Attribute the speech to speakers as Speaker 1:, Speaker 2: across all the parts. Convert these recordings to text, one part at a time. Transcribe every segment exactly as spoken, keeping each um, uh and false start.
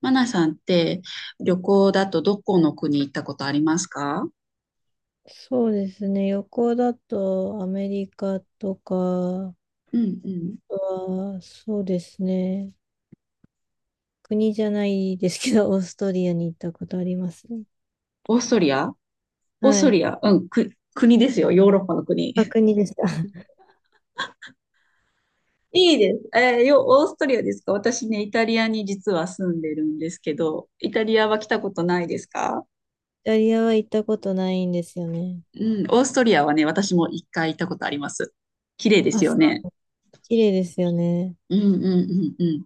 Speaker 1: マナさんって旅行だとどこの国行ったことありますか？
Speaker 2: そうですね。旅行だとアメリカとかは、
Speaker 1: うんうん。
Speaker 2: そうですね。国じゃないですけど、オーストリアに行ったことありますね。
Speaker 1: オーストリア。オー
Speaker 2: は
Speaker 1: スト
Speaker 2: い。
Speaker 1: リア、うん、く、国ですよ。ヨーロッパの国。
Speaker 2: あ、国でした。
Speaker 1: いいです。えー、よ、オーストリアですか？私ね、イタリアに実は住んでるんですけど、イタリアは来たことないですか？
Speaker 2: イタリアは行ったことないんですよね。
Speaker 1: うん、オーストリアはね、私も一回行ったことあります。綺麗で
Speaker 2: あ、
Speaker 1: すよ
Speaker 2: そ
Speaker 1: ね。
Speaker 2: う、綺麗ですよね。
Speaker 1: うんうんうんうん。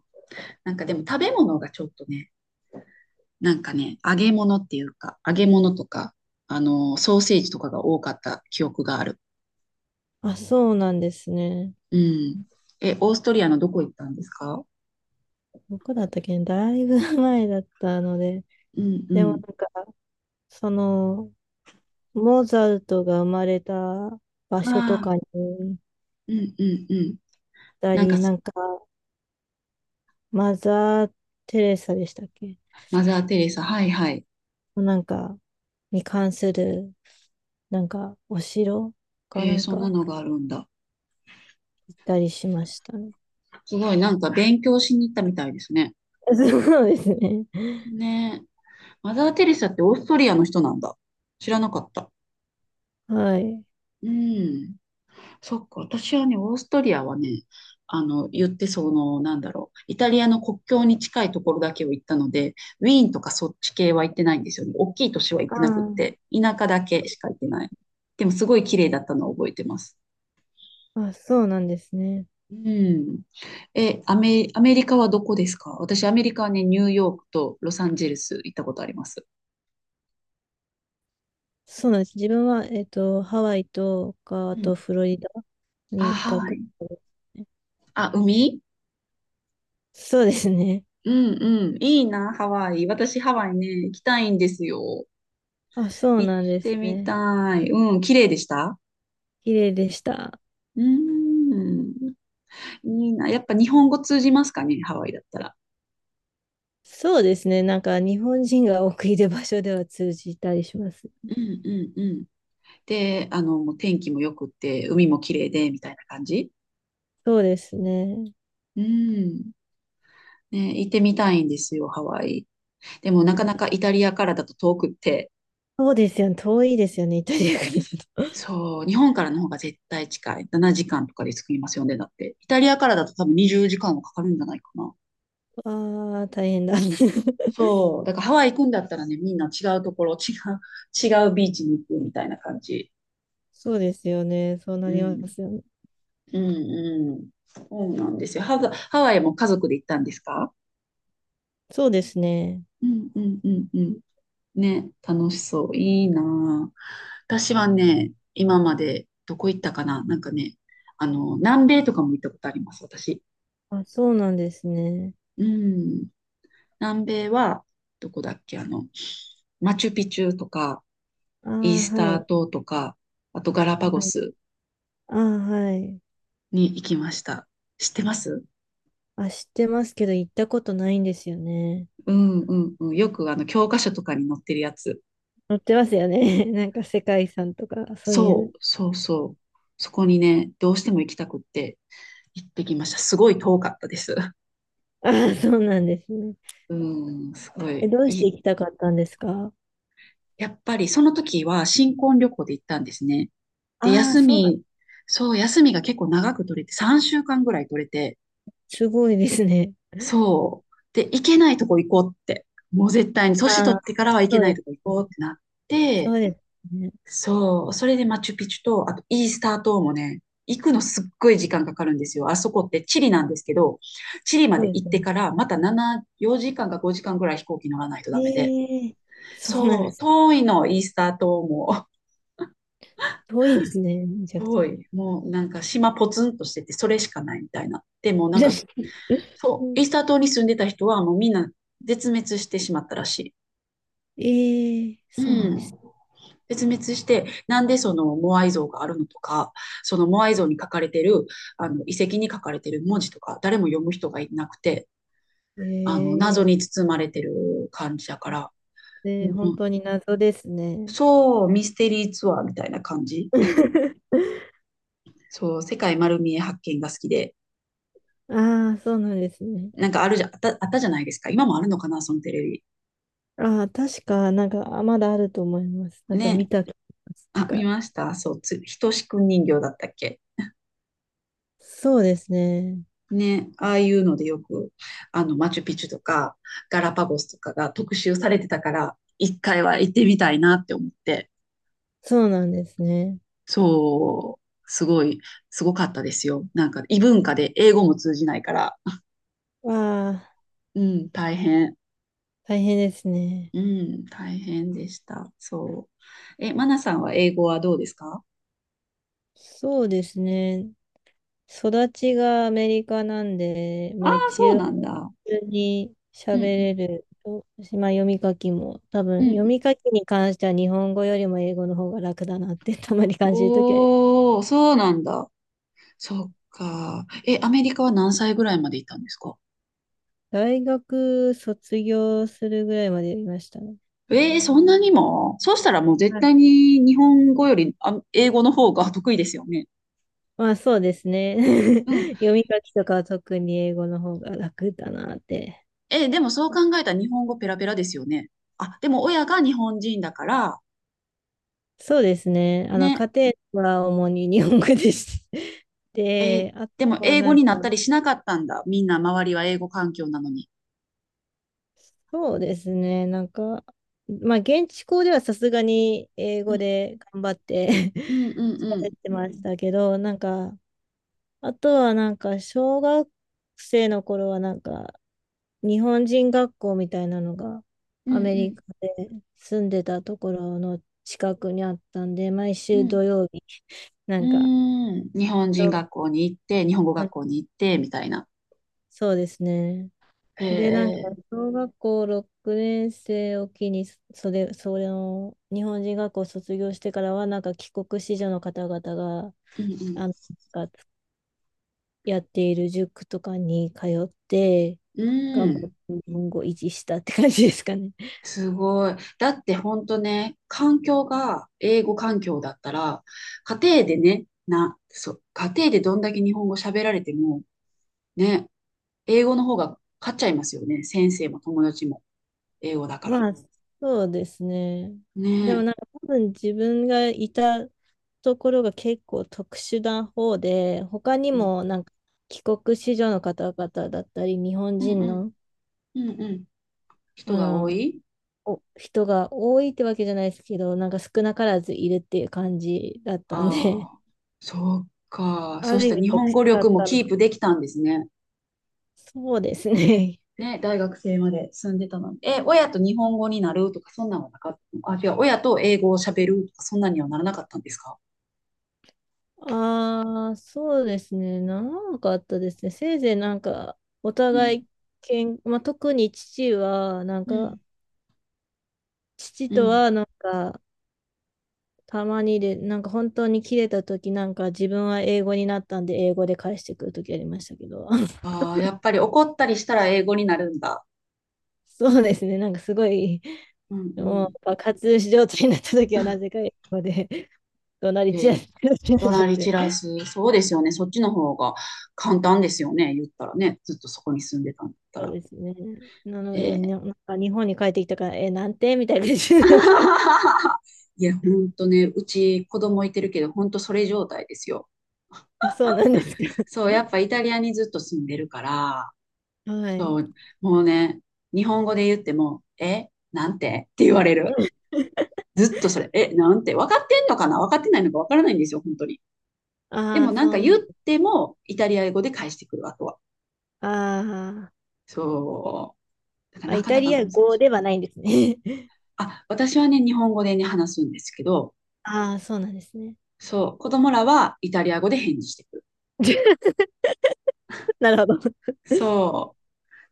Speaker 1: なんかでも食べ物がちょっとね、なんかね、揚げ物っていうか、揚げ物とか、あの、ソーセージとかが多かった記憶がある。
Speaker 2: あ、そうなんですね。
Speaker 1: うん。え、オーストリアのどこ行ったんですか？
Speaker 2: どこだったっけね、だいぶ 前だったので。
Speaker 1: うんう
Speaker 2: でも
Speaker 1: ん。
Speaker 2: なんか、その、モーツァルトが生まれた場所と
Speaker 1: ああ、
Speaker 2: かに行っ
Speaker 1: うんうんうん。
Speaker 2: た
Speaker 1: なん
Speaker 2: り、
Speaker 1: か
Speaker 2: な
Speaker 1: す、
Speaker 2: んか、マザー・テレサでしたっけ？
Speaker 1: マザー・テレサ、はいはい。
Speaker 2: なんか、に関する、なんか、お城か
Speaker 1: え
Speaker 2: な
Speaker 1: ー
Speaker 2: ん
Speaker 1: そん
Speaker 2: か
Speaker 1: なのがあるんだ。
Speaker 2: 行ったりしましたね。
Speaker 1: すごい、なんか勉強しに行ったみたいですね。
Speaker 2: そうですね。
Speaker 1: ねえ。マザー・テレサってオーストリアの人なんだ。知らなかった。
Speaker 2: はい。
Speaker 1: うん。そっか、私はね、オーストリアはね、あの、言ってその、なんだろう、イタリアの国境に近いところだけを行ったので、ウィーンとかそっち系は行ってないんですよね。大きい都市は行ってなくって、
Speaker 2: あ
Speaker 1: 田舎だけしか行ってない。でも、すごい綺麗だったのを覚えてます。
Speaker 2: あ、あ、そうなんですね。
Speaker 1: うん。え、アメ、アメリカはどこですか？私、アメリカはね、ニューヨークとロサンゼルス行ったことあります。
Speaker 2: そうなんです。自分は、えっと、ハワイとか、
Speaker 1: う
Speaker 2: あと
Speaker 1: ん。
Speaker 2: フロリダ
Speaker 1: あ、
Speaker 2: に行っ
Speaker 1: ハ
Speaker 2: た
Speaker 1: ワ
Speaker 2: こ
Speaker 1: イ。
Speaker 2: とですね。
Speaker 1: あ、海。
Speaker 2: そうですね。
Speaker 1: うんうん。いいな、ハワイ。私、ハワイね、行きたいんですよ。
Speaker 2: あ、そう
Speaker 1: 行っ
Speaker 2: なんです
Speaker 1: てみ
Speaker 2: ね。
Speaker 1: たい。うん、綺麗でした。
Speaker 2: 綺麗でした。
Speaker 1: うーん、いいな。やっぱ日本語通じますかね、ハワイだったら。
Speaker 2: そうですね。なんか日本人が多くいる場所では通じたりします。
Speaker 1: うんうんうん。で、あの、もう天気も良くって、海も綺麗で、みたいな感じ。
Speaker 2: そうですね。
Speaker 1: うん。ね、行ってみたいんですよ、ハワイ。でもなかなか
Speaker 2: あ、
Speaker 1: イタリアからだと遠くって、
Speaker 2: そうですよね。遠いですよね。イタリアからだと。
Speaker 1: そう、日本からの方が絶対近い。しちじかんとかで着きますよね、だって。イタリアからだと多分にじゅうじかんはかかるんじゃないかな。
Speaker 2: ああ、大変だ。
Speaker 1: そう、だからハワイ行くんだったらね、みんな違うところ、違う、違うビーチに行くみたいな感じ。
Speaker 2: そうですよね。そうな
Speaker 1: う
Speaker 2: りま
Speaker 1: ん、
Speaker 2: すよね。
Speaker 1: うん、うん。そうなんですよ。ハワイ、ハワイも家族で行ったんですか？
Speaker 2: そうですね。
Speaker 1: うん、うん、うん、うん。ね、楽しそう。いいなあ。私はね、今までどこ行ったかな。なんかね、あの、南米とかも行ったことあります、私。
Speaker 2: あ、そうなんですね。
Speaker 1: うん。南米は、どこだっけ。あの、マチュピチュとか、
Speaker 2: ああ、
Speaker 1: イース
Speaker 2: は
Speaker 1: ター
Speaker 2: い。
Speaker 1: 島とか、あとガラパゴ
Speaker 2: はい。
Speaker 1: ス
Speaker 2: ああ、はい。
Speaker 1: に行きました。知ってます？
Speaker 2: あ、知ってますけど、行ったことないんですよね。
Speaker 1: うんうんうん。よくあの教科書とかに載ってるやつ。
Speaker 2: 載ってますよね。なんか世界遺産とか、そうい
Speaker 1: そ
Speaker 2: う。
Speaker 1: うそうそう。そこにね、どうしても行きたくって。行ってきました。すごい遠かったです。
Speaker 2: ああ、そうなんですね。
Speaker 1: うん、すご
Speaker 2: え、
Speaker 1: い。
Speaker 2: どうして
Speaker 1: い、
Speaker 2: 行きたかったんですか？
Speaker 1: やっぱりその時は新婚旅行で行ったんですね。で、
Speaker 2: ああ、
Speaker 1: 休
Speaker 2: そうなん、
Speaker 1: み、そう、休みが結構長く取れて、さんしゅうかんぐらい取れて、
Speaker 2: すごいですね。
Speaker 1: そう。で、行けないとこ行こうって。もう絶対に、年
Speaker 2: あ
Speaker 1: 取っ
Speaker 2: あ、
Speaker 1: てからは行け
Speaker 2: そう
Speaker 1: ない
Speaker 2: で
Speaker 1: とこ
Speaker 2: す。
Speaker 1: 行こうってなっ
Speaker 2: そ
Speaker 1: て、
Speaker 2: うですね。
Speaker 1: そう。それでマチュピチュと、あとイースター島もね、行くのすっごい時間かかるんですよ。あそこってチリなんですけど、チリま
Speaker 2: そう
Speaker 1: で
Speaker 2: で
Speaker 1: 行っ
Speaker 2: す
Speaker 1: て
Speaker 2: ね。
Speaker 1: からまたなな、よじかんかごじかんぐらい飛行機乗らないとダメで。
Speaker 2: ええ、そうなん
Speaker 1: そ
Speaker 2: で
Speaker 1: う、
Speaker 2: す。
Speaker 1: 遠いの、イースター島も。
Speaker 2: 遠いですね、め ちゃくち
Speaker 1: 遠
Speaker 2: ゃ。
Speaker 1: い。もうなんか島ポツンとしてて、それしかないみたいな。でもなんか、
Speaker 2: う
Speaker 1: そ
Speaker 2: ん、
Speaker 1: う、イースター島に住んでた人はもうみんな絶滅してしまったらし
Speaker 2: ええ、
Speaker 1: い。
Speaker 2: そうなん
Speaker 1: う
Speaker 2: です。
Speaker 1: ん。絶滅して、なんでそのモアイ像があるのとか、そのモアイ像に書かれてる、あの、遺跡に書かれてる文字とか、誰も読む人がいなくて、あの、
Speaker 2: え
Speaker 1: 謎に
Speaker 2: え、
Speaker 1: 包まれてる感じだから、う
Speaker 2: で、本
Speaker 1: ん、
Speaker 2: 当に謎ですね。
Speaker 1: そう、ミステリーツアーみたいな感じ。そう、世界丸見え発見が好きで、
Speaker 2: ああ、そうなんですね。
Speaker 1: なんかあるじゃ、あった、あったじゃないですか。今もあるのかな、そのテレビ。
Speaker 2: ああ、確か、なんか、あ、まだあると思います。なんか見
Speaker 1: ね。
Speaker 2: た気がします。なん
Speaker 1: あ、見
Speaker 2: か、
Speaker 1: ました。そう、つ、ひとしくん人形だったっけ？
Speaker 2: そうですね。
Speaker 1: ね、ああいうのでよく、あの、マチュピチュとか、ガラパゴスとかが特集されてたから、一回は行ってみたいなって思って、
Speaker 2: そうなんですね。
Speaker 1: そう、すごい、すごかったですよ。なんか、異文化で英語も通じないから、
Speaker 2: わあ、
Speaker 1: うん、大変、
Speaker 2: 大変ですね。
Speaker 1: うん、大変でした。そう。え、マナさんは英語はどうですか？
Speaker 2: そうですね。育ちがアメリカなんで、
Speaker 1: あ
Speaker 2: まあ
Speaker 1: あ、そう
Speaker 2: 一応普
Speaker 1: なんだ。
Speaker 2: 通に
Speaker 1: う
Speaker 2: 喋
Speaker 1: ん、
Speaker 2: れると、まあ読み書きも、多
Speaker 1: う
Speaker 2: 分
Speaker 1: ん、う
Speaker 2: 読
Speaker 1: んうん。
Speaker 2: み書きに関しては日本語よりも英語の方が楽だなって たまに感じるときあります。
Speaker 1: おー、そうなんだ。そっか。え、アメリカは何歳ぐらいまでいたんですか？
Speaker 2: 大学卒業するぐらいまで読みましたね。
Speaker 1: ええ、そんなにも。そうしたらもう絶
Speaker 2: はい。
Speaker 1: 対に日本語よりあ英語の方が得意ですよね。
Speaker 2: まあそうですね。
Speaker 1: うん。
Speaker 2: 読み書きとかは特に英語の方が楽だなって。
Speaker 1: え、でもそう考えたら日本語ペラペラですよね。あ、でも親が日本人だから、
Speaker 2: そうですね。あの、家
Speaker 1: ね。
Speaker 2: 庭は主に日本語でして、
Speaker 1: えー
Speaker 2: で、あと
Speaker 1: でも
Speaker 2: は
Speaker 1: 英語
Speaker 2: なん
Speaker 1: に
Speaker 2: か、
Speaker 1: なったりしなかったんだ。みんな周りは英語環境なのに。
Speaker 2: そうですね。なんか、まあ、現地校ではさすがに英
Speaker 1: う
Speaker 2: 語
Speaker 1: ん、
Speaker 2: で頑張って
Speaker 1: うん、うん、う
Speaker 2: 喋
Speaker 1: ん、
Speaker 2: ってましたけど、なんか、あとはなんか、小学生の頃はなんか、日本人学校みたいなのが
Speaker 1: う
Speaker 2: アメリ
Speaker 1: ん、
Speaker 2: カで住んでたところの近くにあったんで、毎
Speaker 1: う
Speaker 2: 週
Speaker 1: ん、うん。
Speaker 2: 土曜日、な
Speaker 1: うー
Speaker 2: んか、
Speaker 1: ん。日本人学校に行って、日本語学校に行って、みたいな。
Speaker 2: そうですね。
Speaker 1: へ
Speaker 2: で、なんか、
Speaker 1: え。
Speaker 2: 小学校ろくねん生を機に、それ、それの、日本人学校を卒業してからは、なんか帰国子女の方々が、
Speaker 1: うん、
Speaker 2: あの、がやっている塾とかに通って、
Speaker 1: うん。う
Speaker 2: 頑張
Speaker 1: ー
Speaker 2: っ
Speaker 1: ん。
Speaker 2: て日本語を維持したって感じですかね。
Speaker 1: すごい。だって本当ね、環境が英語環境だったら、家庭でね、な、そう、家庭でどんだけ日本語喋られても、ね、英語の方が勝っちゃいますよね。先生も友達も英語だから。
Speaker 2: まあ、そうですね。でも
Speaker 1: ね
Speaker 2: なんか多分自分がいたところが結構特殊な方で、他に
Speaker 1: え。うん
Speaker 2: もなんか帰国子女の方々だったり、日本
Speaker 1: うん
Speaker 2: 人
Speaker 1: うん
Speaker 2: の、
Speaker 1: うんうん。人
Speaker 2: あ
Speaker 1: が多
Speaker 2: の、
Speaker 1: い。
Speaker 2: お人が多いってわけじゃないですけど、なんか少なからずいるっていう感じだったんで、
Speaker 1: あ あー、そっか。そ
Speaker 2: あ
Speaker 1: うし
Speaker 2: る意
Speaker 1: たら
Speaker 2: 味
Speaker 1: 日本
Speaker 2: 特殊
Speaker 1: 語
Speaker 2: だっ
Speaker 1: 力も
Speaker 2: た
Speaker 1: キ
Speaker 2: の
Speaker 1: ー
Speaker 2: か。
Speaker 1: プできたんですね。
Speaker 2: そうですね。
Speaker 1: ね、大学生まで住んでたのに、え、親と日本語になるとか、そんなのはなかった。あ、違う、親と英語を喋るとか、そんなにはならなかったんですか？
Speaker 2: ああ、そうですね。長かあったですね。せいぜいなんか、お
Speaker 1: うん、
Speaker 2: 互いけん、まあ、特に父は、なん
Speaker 1: う
Speaker 2: か、
Speaker 1: ん、
Speaker 2: 父
Speaker 1: う
Speaker 2: と
Speaker 1: ん。
Speaker 2: はなんか、たまにで、なんか本当に切れた時なんか自分は英語になったんで英語で返してくる時ありましたけど、
Speaker 1: ああ、やっぱり怒ったりしたら英語になるんだ。
Speaker 2: そうですね。なんかすごい
Speaker 1: うんう
Speaker 2: も
Speaker 1: ん。
Speaker 2: う爆発状態になった時はなぜか 英語で 怒鳴り
Speaker 1: え
Speaker 2: 散ら
Speaker 1: え、
Speaker 2: しっ
Speaker 1: 怒
Speaker 2: ちゃ
Speaker 1: 鳴
Speaker 2: っ
Speaker 1: り散
Speaker 2: て。
Speaker 1: らす。そうですよね。そっちの方が簡単ですよね。言ったらね。ずっとそこに住んでたんだった
Speaker 2: そう
Speaker 1: ら。
Speaker 2: ですね。なの
Speaker 1: え
Speaker 2: で、
Speaker 1: え。
Speaker 2: ね、なんか日本に帰ってきたから、え、なんてみたいな感じになって。
Speaker 1: いや、ほんとね、うち子供いてるけど、ほんとそれ状態ですよ。
Speaker 2: あ、そうなんですか？
Speaker 1: そう、やっぱイタリアにずっと住んでるから、
Speaker 2: はい。
Speaker 1: そう、もうね、日本語で言っても、え、なんてって言われる。ずっとそれ、え、なんて、分かってんのかな、分かってないのか分からないんですよ、本当に。で
Speaker 2: あ
Speaker 1: も
Speaker 2: あ、
Speaker 1: なん
Speaker 2: そ
Speaker 1: か
Speaker 2: うな
Speaker 1: 言
Speaker 2: ん
Speaker 1: っ
Speaker 2: です。
Speaker 1: ても、イタリア語で返してくる、あとは。
Speaker 2: あー、
Speaker 1: そう。だか
Speaker 2: あ、
Speaker 1: らな
Speaker 2: イ
Speaker 1: か
Speaker 2: タ
Speaker 1: なか
Speaker 2: リア
Speaker 1: 難し
Speaker 2: 語
Speaker 1: い。
Speaker 2: ではないんですね。
Speaker 1: あ、私はね、日本語でね、話すんですけど、
Speaker 2: ああ、そうなんですね。
Speaker 1: そう、子供らはイタリア語で返事してくる。
Speaker 2: なるほど。
Speaker 1: そう。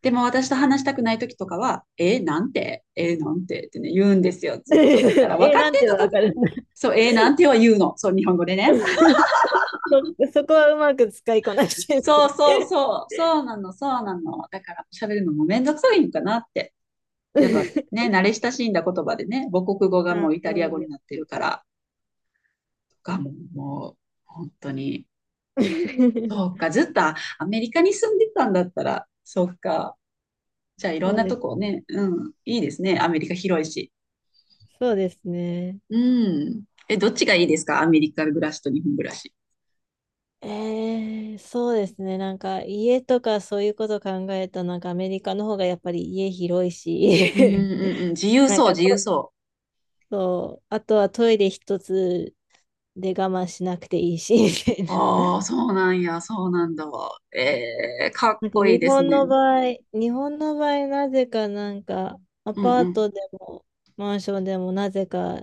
Speaker 1: でも私と話したくない時とかは、え、なんて、え、なんてってね、言うんですよ、ずっと。だから、分
Speaker 2: え、
Speaker 1: か
Speaker 2: な
Speaker 1: っ
Speaker 2: ん
Speaker 1: てん
Speaker 2: て
Speaker 1: の
Speaker 2: は
Speaker 1: か、
Speaker 2: わかる。
Speaker 1: そう、え、なんては言うの。そう、日本語で ね。
Speaker 2: そ、そこはうまく使いこなして
Speaker 1: そうそう
Speaker 2: る。
Speaker 1: そう、そうなの、そうなの。だから喋るのもめんどくさいのかなって。やっぱね、慣れ親しんだ言葉でね、母国語がも
Speaker 2: あ、
Speaker 1: うイタリア
Speaker 2: そう
Speaker 1: 語
Speaker 2: で
Speaker 1: になっ
Speaker 2: す。
Speaker 1: てるから、がもう、もう本当に、そう か、ずっとアメリカに住んでたんだったら、そっか。じゃあいろ
Speaker 2: そ
Speaker 1: ん
Speaker 2: う
Speaker 1: な
Speaker 2: で
Speaker 1: と
Speaker 2: す。
Speaker 1: こね、うん、いいですね。アメリカ広いし。
Speaker 2: そうですね。
Speaker 1: うん。え、どっちがいいですか？アメリカ暮らしと日本暮らし。
Speaker 2: えー、そうですね。なんか家とかそういうこと考えたらなんかアメリカの方がやっぱり家広い
Speaker 1: うん
Speaker 2: し、
Speaker 1: うんうん。自 由
Speaker 2: なん
Speaker 1: そう、
Speaker 2: か
Speaker 1: 自由
Speaker 2: と、
Speaker 1: そ
Speaker 2: そう、あとはトイレ一つで我慢しなくていいし、みたい
Speaker 1: う。
Speaker 2: な。
Speaker 1: ああ、そうなんや、そうなんだわ。えー、かっ
Speaker 2: なんか
Speaker 1: こいい
Speaker 2: 日
Speaker 1: です
Speaker 2: 本の
Speaker 1: ね。
Speaker 2: 場合、日本の場合なぜかなんかア
Speaker 1: うん
Speaker 2: パ
Speaker 1: う
Speaker 2: ー
Speaker 1: ん。
Speaker 2: トでもマンションでもなぜか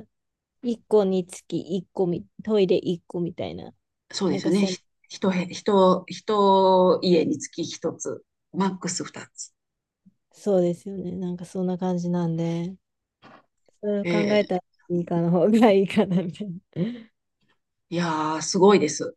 Speaker 2: いっこにつきいっこみ、トイレいっこみたいな、
Speaker 1: そうで
Speaker 2: なん
Speaker 1: す
Speaker 2: か
Speaker 1: よね。
Speaker 2: せん、
Speaker 1: ひ一部、一、一家につき一つ、マックス二つ。
Speaker 2: そうですよね。なんかそんな感じなんで。それを
Speaker 1: え
Speaker 2: 考えた
Speaker 1: ー、
Speaker 2: らいいかの方がいいかなみたいな。
Speaker 1: いやー、すごいです。